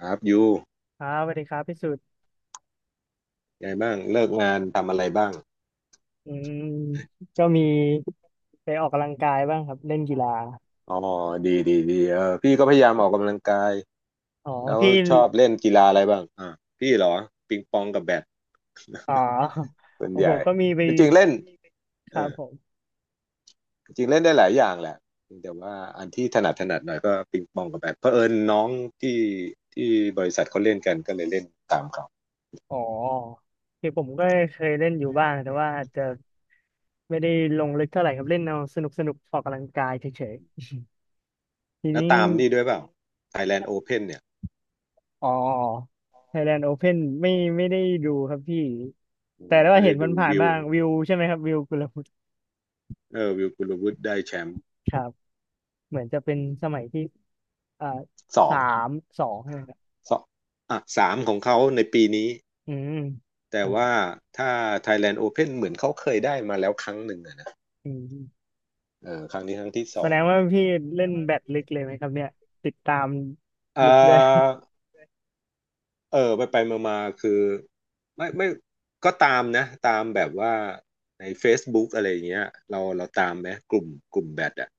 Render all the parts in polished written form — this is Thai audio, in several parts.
ครับยูครับสวัสดีครับพี่สุดไงบ้างเลิกงานทำอะไรบ้างอืมก็มีไปออกกำลังกายบ้างครับเล่นกีฬาอ๋อดีดีดีเออพี่ก็พยายามออกกำลังกายอ๋อแล้วพี่ชอบเล่นกีฬาอะไรบ้างพี่เหรอปิงปองกับแบดอ๋อส่วขนองใหผญ่มก็มีไปจริงๆเล่นคเอรับอผมจริงๆเล่นได้หลายอย่างแหละแต่ว่าอันที่ถนัดถนัดหน่อยก็ปิงปองกับแบดเผอิญน้องที่ที่บริษัทเขาเล่นกันก็เลยเล่นตามเขาอ๋อคือผมก็เคยเล่นอยู่บ้างแต่ว่าอาจจะไม่ได้ลงลึกเท่าไหร่ครับเล่นเอาสนุกออกกำลังกายเฉยๆทีแล้วนี้ตามนี่ด้วยเปล่า Thailand Open เพ่นเนี่ยอ๋อ Thailand Open ไม่ไม่ได้ดูครับพี่้แต่ว่าไม่เห็ได้นมัดูนผ่านวิๆวบ้างวิวใช่ไหมครับวิวกุลวุฒิเออวิวกุลวุฒิได้แชมป์ครับเหมือนจะเป็นอืมสมัยที่อ่าสอสาง มสองใช่ไหม สองอ่ะสามของเขาในปีนี้อืมคแต่รับว่าถ้า Thailand Open เหมือนเขาเคยได้มาแล้วครั้งหนึ่งอะนะอืมเออครั้งนี้ครั้งที่สแสอดงงว่าพี่เล่นแบดลึกเลยไหมครับเนี่ยติดตามเอลึกด้วยาเออไปไปมามาๆคือไม่ก็ตามนะตามแบบว่าใน Facebook อะไรอย่างเงี้ยเราตามไหมกลุ่มแบดอะ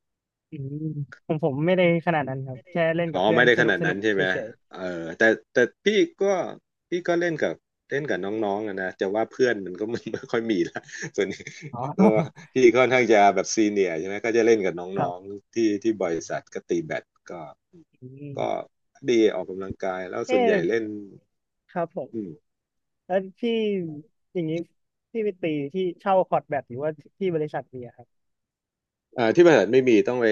อืมผมไม่ได้ขนาดนั้นครับแค่เล่นอ๋กัอบเพื่อไม่นได้สขนุกนาดนั้นใช่เฉไหมยเออแต่แต่พี่ก็พี่ก็เล่นกับน้องๆอะนะจะว่าเพื่อนมันก็ไม่ค่อยมีละ ส่วนนี้ๆอ๋อ ก็ พี่ค่อนข้างจะแบบซีเนียร์ใช่ไหมก็จะเล่นกับนค้รัองบ ๆที่บริษัทก็ตีแบดก็ อืมก็ดีออกกำลังกายแล้วเอ๊ส่วนใหญ่เล่นะครับผมอืม แล้วพี่อย่างนี้พี่ไปตีที่เช่าคอร์ตแบดหรือว่าที่บริษัทมีอะครับที่บริษัทไม่มีต้องไป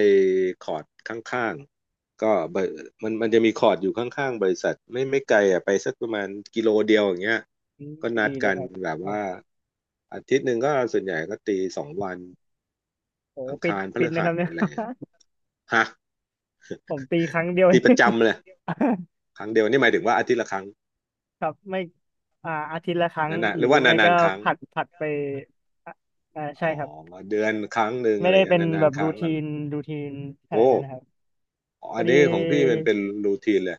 คอร์ดข้างๆก็บริมันจะมีคอร์ดอยู่ข้างๆบริษัทไม่ไกลอ่ะไปสักประมาณกิโลเดียวอย่างเงี้ยอืมก็นัดีดเลยกันครับแบบโอ้ว่าอาทิตย์หนึ่งก็ส่วนใหญ่ก็ตี2 วันโหอังคารพฟิตฤนะหัครัสบเนี่ย อะไรอะฮะ ผมตีครั้งเดียวเอตีประจำเลยง ครั้งเดียวนี่หมายถึงว่าอาทิตย์ละครั้งครับไม่อ่าอาทิตย์ละครั้งนั่นนะหหรืรืออว่าไม่นาก็นๆครั้งผัดไปอ่าอ่าใช่อ๋อครับเดือนครั้งหนึ่งไม่อะไรได้เงี้เป็ยนนาแบนบๆครูรั้งทีอะเหรนอรูทีนขนาดโอ้นั้นนะครับพอัอนดีนี้ของพี่มันเป็นรูทีนเลย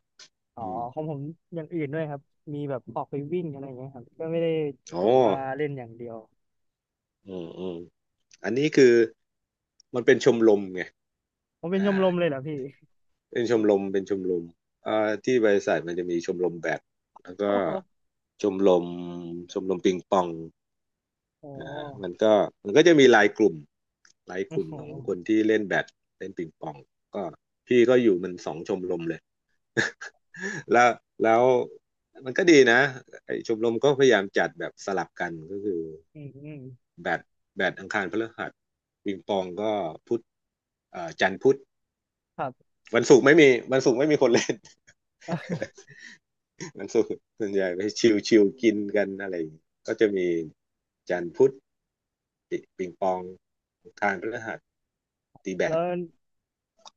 อ๋ออืมของผมอย่างอื่นด้วยครับมีแบบออกไปวิ่งอะไรอย่างเงี้ยครับก็ไม่ได้อ๋แบอ บว่าเล่นอย่างเดียวอืมอืมอันนี้คือมันเป็นชมรมไงผมเป็นชอ่ามรมเลยเหรอพี่ เป็นชมรมเป็นชมรมอ่าที่บริษัทมันจะมีชมรมแบด แล้วก็โอ้โหชมรมชมรมปิงปองอ่ามันก็มันก็จะมีไลน์กลุ่มโอ้โหของคนที่เล่นแบดเล่นปิงปองก็พี่ก็อยู่มันสองชมรมเลย แล้วแล้วมันก็ดีนะไอ้ชมรมก็พยายามจัดแบบสลับกันก็คือ อืมอืมแบดแบดอังคารพฤหัสปิงปองก็พุธจันทร์พุธครับ วันศุกร์ไม่มีวันศุกร์ไม่มีคนเล่น วันศุกร์ส่วนใหญ่ไปชิลชิลกินกันอะไรอย่างงี้ก็จะมีจันทร์พุธปิงปองอังคารพฤหัส ตีแบแล้ดว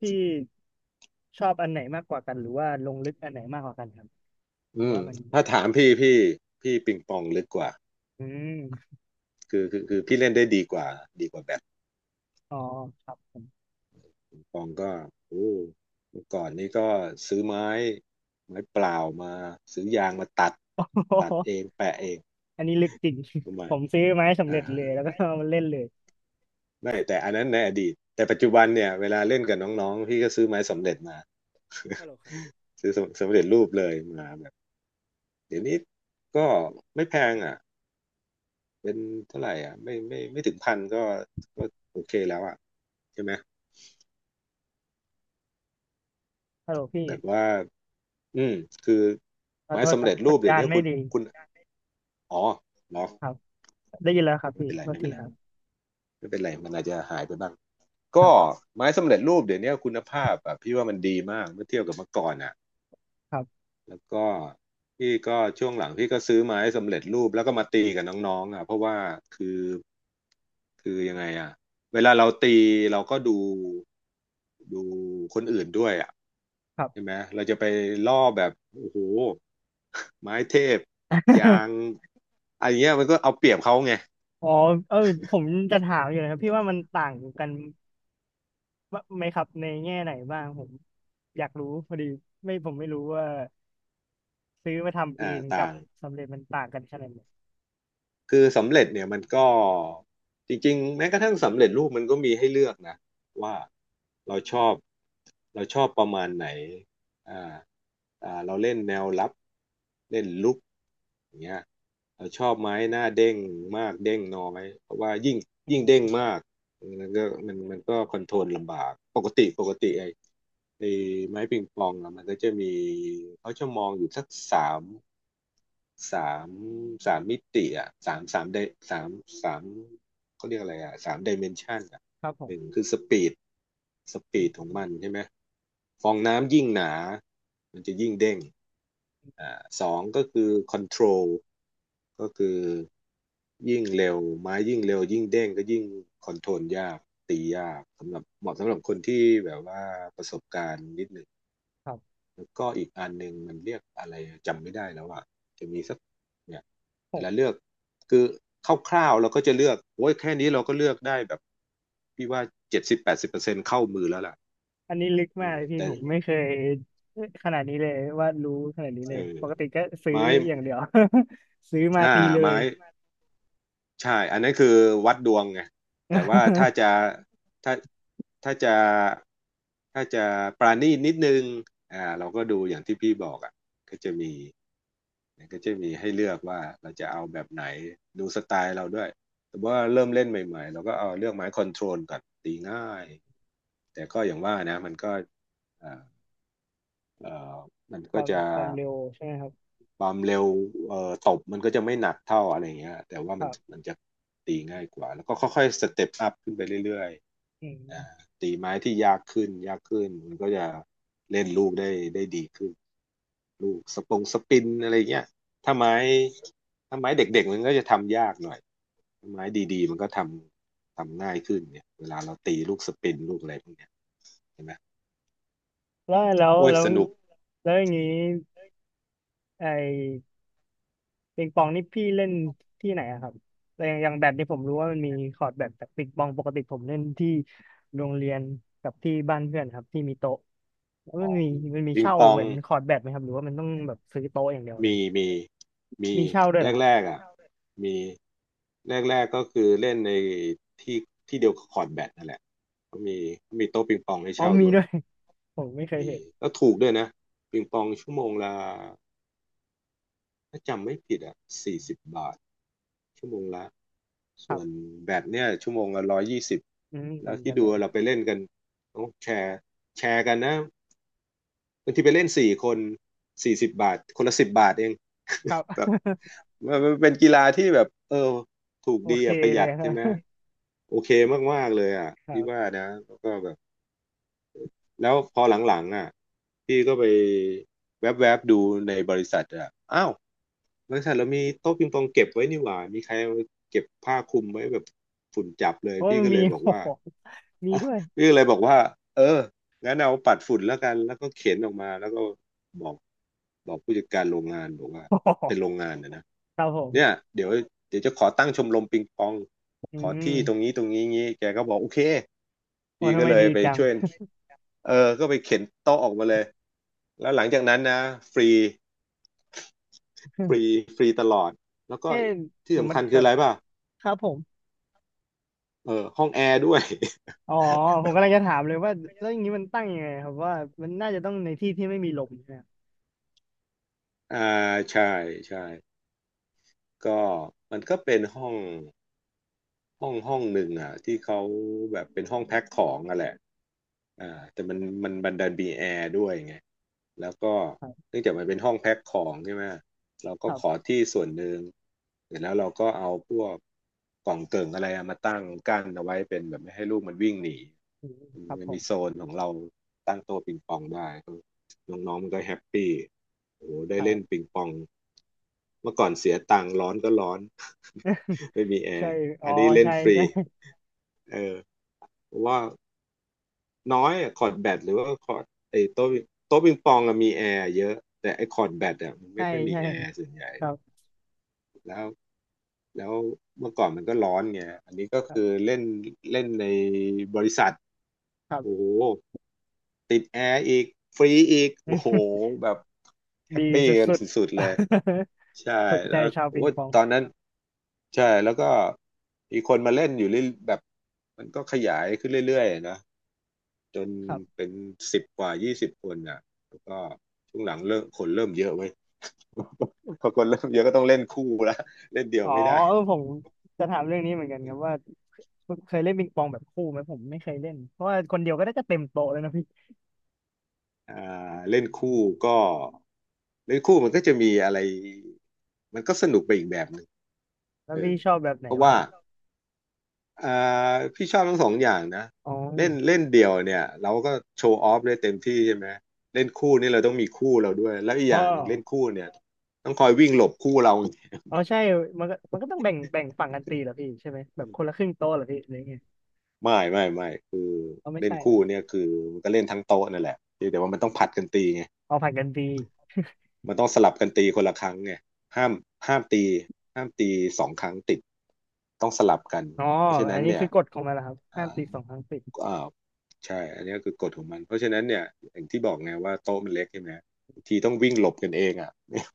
พี่ชอบอันไหนมากกว่ากันหรือว่าลงลึกอันไหนมากกว่ากันครับหรืออืมว่ามันถ้าถามพี่พี่ปิงปองลึกกว่าอืม คือพี่เล่นได้ดีกว่าดีกว่าแบดอ๋อครับผม ปิงปองก็โอ้เมื่อก่อนนี้ก็ซื้อไม้ไม้เปล่ามาซื้อยางมาตัดตัดเองแปะเอง อันนี้ลึกจริง ประ มาผณ มซื้อไมาให้สำเร็อ่าจเลยแล้วก็เอามาเล่นเลยไม่แต่อันนั้นในอดีตแต่ปัจจุบันเนี่ยเวลาเล่นกับน้องๆพี่ก็ซื้อไม้สำเร็จมา ฮัลโหลครับ ซื้อสำสเร็จรูปเลยมาแบบเดี๋ยวนี้ก็ไม่แพงอ่ะเป็นเท่าไหร่อ่ะไม่ถึงพันก็ก็โอเคแล้วอ่ะใช่ไหมฮัลโหลพี่แบบว่าอืมคือขอไม้โทษสำครับเร็จสัรูปญเดี๋ยญาวณนี้ไม่คุณดีคุณอ๋อเหรอครับได้ยินแล้วครับไม่พี่เป็นไรโทษไม่ทีเป็นไรครับไม่เป็นไรมันอาจจะหายไปบ้างครัก็บไม้สำเร็จรูปเดี๋ยวนี้คุณภาพอ่ะพี่ว่ามันดีมากเมื่อเทียบกับเมื่อก่อนอ่ะ ครับแล้วก็พี่ก็ช่วงหลังพี่ก็ซื้อไม้สำเร็จรูปแล้วก็มาตีกับน้องๆอ่ะเพราะว่าคือคือยังไงอ่ะเวลาเราตีเราก็ดูคนอื่นด้วยอ่ะครับ ใช่ไหมเราจะไปล่อแบบโอ้โหไม้เทพยาง อันเนี้ยมันก็เอาเปรียบเขาไงอ๋อเออผมจะถามอยู่นะครับพี่ว่ามันต่างกันไหมครับในแง่ไหนบ้างผมอยากรู้พอดีไม่ผมไม่รู้ว่าซื้อมาทำเออ่างกัต่าบง สำเร็จมันต่างกันขนาดไหนคือสำเร็จเนี่ยมันก็จริงๆแม้กระทั่งสำเร็จรูปมันก็มีให้เลือกนะว่าเราชอบประมาณไหนอ่าเราเล่นแนวรับเล่นลุกอย่างเงี้ยเราชอบไหมหน้าเด้งมากเด้งน้อยเพราะว่ายิ่งอืยิ่งเด้งมมากมันก็คอนโทรลลำบากปกติปกติไอ้ไม้ปิงปองอะมันก็จะมีเขาจะมองอยู่สักสาม สามสามมิติอ่ะสามสามไดสามสามเขาเรียกอะไรอ่ะ3 ดิเมนชันอ่ะครับผหนึ่งมคือสปีดสอืปีดของมมันใช่ไหมฟองน้ำยิ่งหนามันจะยิ่งเด้งสองก็คือคอนโทรลก็คือยิ่งเร็วไม้ยิ่งเร็วยิ่งเด้งก็ยิ่งคอนโทรลยากตียากสำหรับเหมาะสำหรับคนที่แบบว่าประสบการณ์นิดหนึ่ง ครับ แล้วก็อีกอันหนึ่งมันเรียกอะไรจำไม่ได้แล้วอ่ะจะมีสักเนี่ยเวลาเลือกคือคร่าวๆเราก็จะเลือกโอ้ยแค่นี้เราก็เลือกได้แบบพี่ว่า70-80%เข้ามือแล้วล่ะอันนี้ลึกอืมากมเลยพี่แต่ผมไม่เคยขนาดนี้เลยว่ารู้ขนาดนี้เลเอยอปกติก็ซื้อไม้อย่างเดียว ซื้อมาอ่าตีเลไม้ย ใช่อันนั้นคือวัดดวงไงแต่ว่าถ้าจะ ถ้าถ้าจะถ้าจะปราณีตนิดนึงอ่าเราก็ดูอย่างที่พี่บอกอ่ะก็จะมี มันก็จะมีให้เลือกว่าเราจะเอาแบบไหนดูสไตล์เราด้วยแต่ว่าเริ่มเล่นใหม่ๆเราก็เอาเลือกไม้คอนโทรลก่อนตีง่ายแต่ก็อย่างว่านะมันก็เอ่อเอ่อมันก็จะความเร็วใช่ไหมครับความเร็วตบมันก็จะไม่หนักเท่าอะไรเงี้ยแต่ว่าคมันรับมันจะตีง่ายกว่าแล้วก็ค่อยๆสเต็ปอัพขึ้นไปเรื่อยอืๆมตีไม้ที่ยากขึ้นยากขึ้นมันก็จะเล่นลูกได้ดีขึ้น ลูกสปงสปินอะไรเงี้ยถ้าไม้ถ้าไม้เด็กๆมันก็จะทำยากหน่อยถ้าไม้ดีๆมันก็ทำง่ายขึ้นเนี่ยเวลาเราตีลูกสปินลูกอะไรพวกเนี้ยเห็นไหมโอ้ยแล้วสนุกแล้วอย่างนี้ไอ้ปิงปองนี่พี่เล่นที่ไหนอะครับแต่อย่างแบดนี่ผมรู้ว่ามันมีคอร์ตแบดแต่ปิงปองปกติผมเล่นที่โรงเรียนกับที่บ้านเพื่อนครับที่มีโต๊ะแล้วมัอ๋อนมีปิงเช่าปอเหงมือนคอร์ตแบดไหมครับหรือว่ามันต้องแบบซื้อโต๊ะอย่างเดียวเลมียมีมีมีเช่าด้วยเหรอ แรกๆอ่ะมีแรกๆก็คือเล่นในที่ที่เดียวกับคอร์ตแบดนั่นแหละก็มีโต๊ะปิงปองให้อ๋อเช่ามีด้วยด้วย ผมไม่เคยมีเห็นก็ถูกด้วยนะปิงปองชั่วโมงละถ้าจำไม่ผิดอ่ะสี่สิบบาทชั่วโมงละ คส่รัวนบแบตเนี่ยชั่วโมงละ120อืมเหแล้มืวอนกัที่นดูเลยเราไปเล่นกันต้องแชร์แชร์กันนะบางทีไปเล่นสี่คนสี่สิบบาทคนละสิบบาทเอง ครับ แบบ มันเป็นกีฬาที่แบบเออถูกโอดีเคอ่ะประหเลยัยดครัใช่บ ไหม โอเคมากๆเลยอ่ะครัพี่ว่าบนะแล้วก็แบบแล้วพอหลังๆอ่ะพี่ก็ไปแวบๆดูในบริษัทอ่ะอ้าวบริษัทเรามีโต๊ะปิงปองเก็บไว้นี่หว่ามีใครเอาเก็บผ้าคลุมไว้แบบฝุ่นจับเลยเพราะว่าพี่มันก็เลมี ยบอ กโอ้ว่า โหมีด้วย พี่ก็เลยบอกว่าเอองั้นเอาปัดฝุ่นแล้วกันแล้วก็เข็นออกมาแล้วก็บอกผู้จัดการโรงงานบอกว่า โอ้โหเป็นโรงงานนะนะครับผเนี่ยมเดี๋ยวเดี๋ยวจะขอตั้งชมรมปิงปองอืขอมที่ตรงนี้ตรงนี้งี้แกก็บอกโอเคโอ้พี่ทำก็ไมเลดียไปจัง ช่วยเออก็ไปเข็นโต๊ะออกมาเลยแล้วหลังจากนั้นนะฟรีฟรี ฟรีตลอดแล้วก็เอ๊ะที่เดี๋ยวสำมันคัญคืแต่ออะไรป่ะครับผมเออห้องแอร์ด้วย อ๋อผมกำลังจะถามเลยว่าแล้วอย่างนี้มันตั้งยังไงครับว่ามันน่าจะต้องในที่ที่ไม่มีลมใช่ไหมอ่าใช่ใช่ก็มันก็เป็นห้อง ห้องห้องหนึ่งอ่ะที่เขาแบบเป็นห้องแพ็คของอ่ะแหละอ่าแต่มันบันดันมีแอร์ด้วยไงแล้วก็ครับเนื่องจากมันเป็นห้องแพ็คของใช่ไหมเราคก็รัขอบที่ส่วนหนึ่งเสร็จแล้วเราก็เอาพวกกล่องเกิ่งอะไรอะมาตั้งกั้นเอาไว้เป็นแบบไม่ให้ลูกมันวิ่งหนีอืมครับมัผนมีมโซนของเราตั้งโต๊ะปิงปองได้น้องๆมันก็แฮปปี้โอ้โหคได้รัเล่บ นปิงปองเมื่อก่อนเสียตังค์ร้อนก็ร้อน ไม่มีแอ ใช่ร์อ๋ออันนี้เล่นใช่ฟรีใช่ เออ เพราะว่าน้อยอะคอร์ดแบดหรือว่าคอร์ดไอ้โต๊ะิงโต๊ะปิงปองอะมีแอร์เยอะแต่ไอ้คอร์ดแบดอะมัน ใช่ไม่ค่อยมีใช่แอร์ส่วนใหญ่ครับแล้วแล้วเมื่อก่อนมันก็ร้อนไงอันนี้ก็ครัคือบเล่นเล่นในบริษัทครัโอ้บโหติดแอร์อีกฟรีอีกอโอ้โหื แบบแฮดีปปี้สกันุดสุดๆ ๆเลยใช่ ถูกใจแล้วชาวโอ้ปิงปองตอนนั้นใช่แล้วก็มีคนมาเล่นอยู่เรื่อยแบบมันก็ขยายขึ้นเรื่อยๆนะ จนครับเป็น10 กว่า 20 คนอ่ะแล้วก็ช่วงหลังเริ่มคนเริ่มเยอะเว้ย พอคนเริ่มเยอะก็ต้องเล่นคู่ละ เล่นเดียอ๋วอไม่ได้เออผมจะถามเรื่องนี้เหมือนกันครับว่าเคยเล่นปิงปองแบบคู่ไหมผมไม่เคยเล่นเพราะว่าคนเดียวก็ได้จะเต็มโต๊ะเลยนะพี่อ่าเล่นคู่ก็เล่นคู่มันก็จะมีอะไรมันก็สนุกไปอีกแบบหนึ่งแล้วเอพี่อชอบแบบไหนเพราะมากว่ากว่าอ่าพี่ชอบทั้งสองอย่างนะอ๋อเล่นเล่นเดี่ยวเนี่ยเราก็โชว์ออฟได้เต็มที่ใช่ไหมเล่นคู่นี่เราต้องมีคู่เราด้วยแล้วอีกอ๋ออย่างหนึ่งเล่นคู่เนี่ยต้องคอยวิ่งหลบคู่เราอ๋อใช่มันก็ต้องแบ่งฝั่งกันตีเหรอพี่ใช่ไหมแบบคนละครึ่งโต๊ะเหรอพี่หรือไงไม่ ไม่ไม่ เอาไม่เล่นใช่เหรคู่อเนี่ยคือมันก็เล่นทั้งโต๊ะนั่นแหละเพียงแต่ว่ามันต้องผัดกันตีไงเอาผัดกันตีมันต้องสลับกันตีคนละครั้งไงห้ามห้ามห้ามตีสองครั้งติดต้องสลับกันอ๋อเพราะฉะอันั้นนนี้เนี่คืยอกฎของมันเหรอครับอ่ห้ามตีาสองครั้งติดอ่าใช่อันนี้คือกฎของมันเพราะฉะนั้นเนี่ยอย่างที่บอกไงว่าโต๊ะมันเล็กใช่ไหมบางทีต้องวิ่งหลบกันเองอ่ะ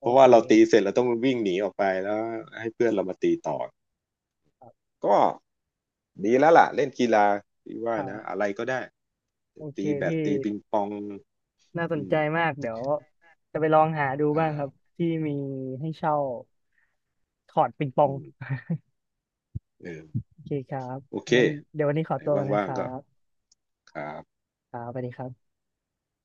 เพโอราะเคว่าเราตีเสร็จเราต้องวิ่งหนีออกไปแล้วให้เพื่อนเรามาตีต่อ ครับก็ดีแล้วล่ะเล่นกีฬาที่คว่ารันะอะบไรก็ได้โอเคตีแบดพี่ ตีปิงปองน่าสนอืใจมมากเดี๋ยวจะไปลองหาดูบ้างครับอ่าที่มีให้เช่าถอดปิงปออืง ม เออโอเคครับโอเคงั้นเดี๋ยววันนี้ขอไหนตัวกันนะว่าคงรัๆก็บครับครับสวัสดีครับ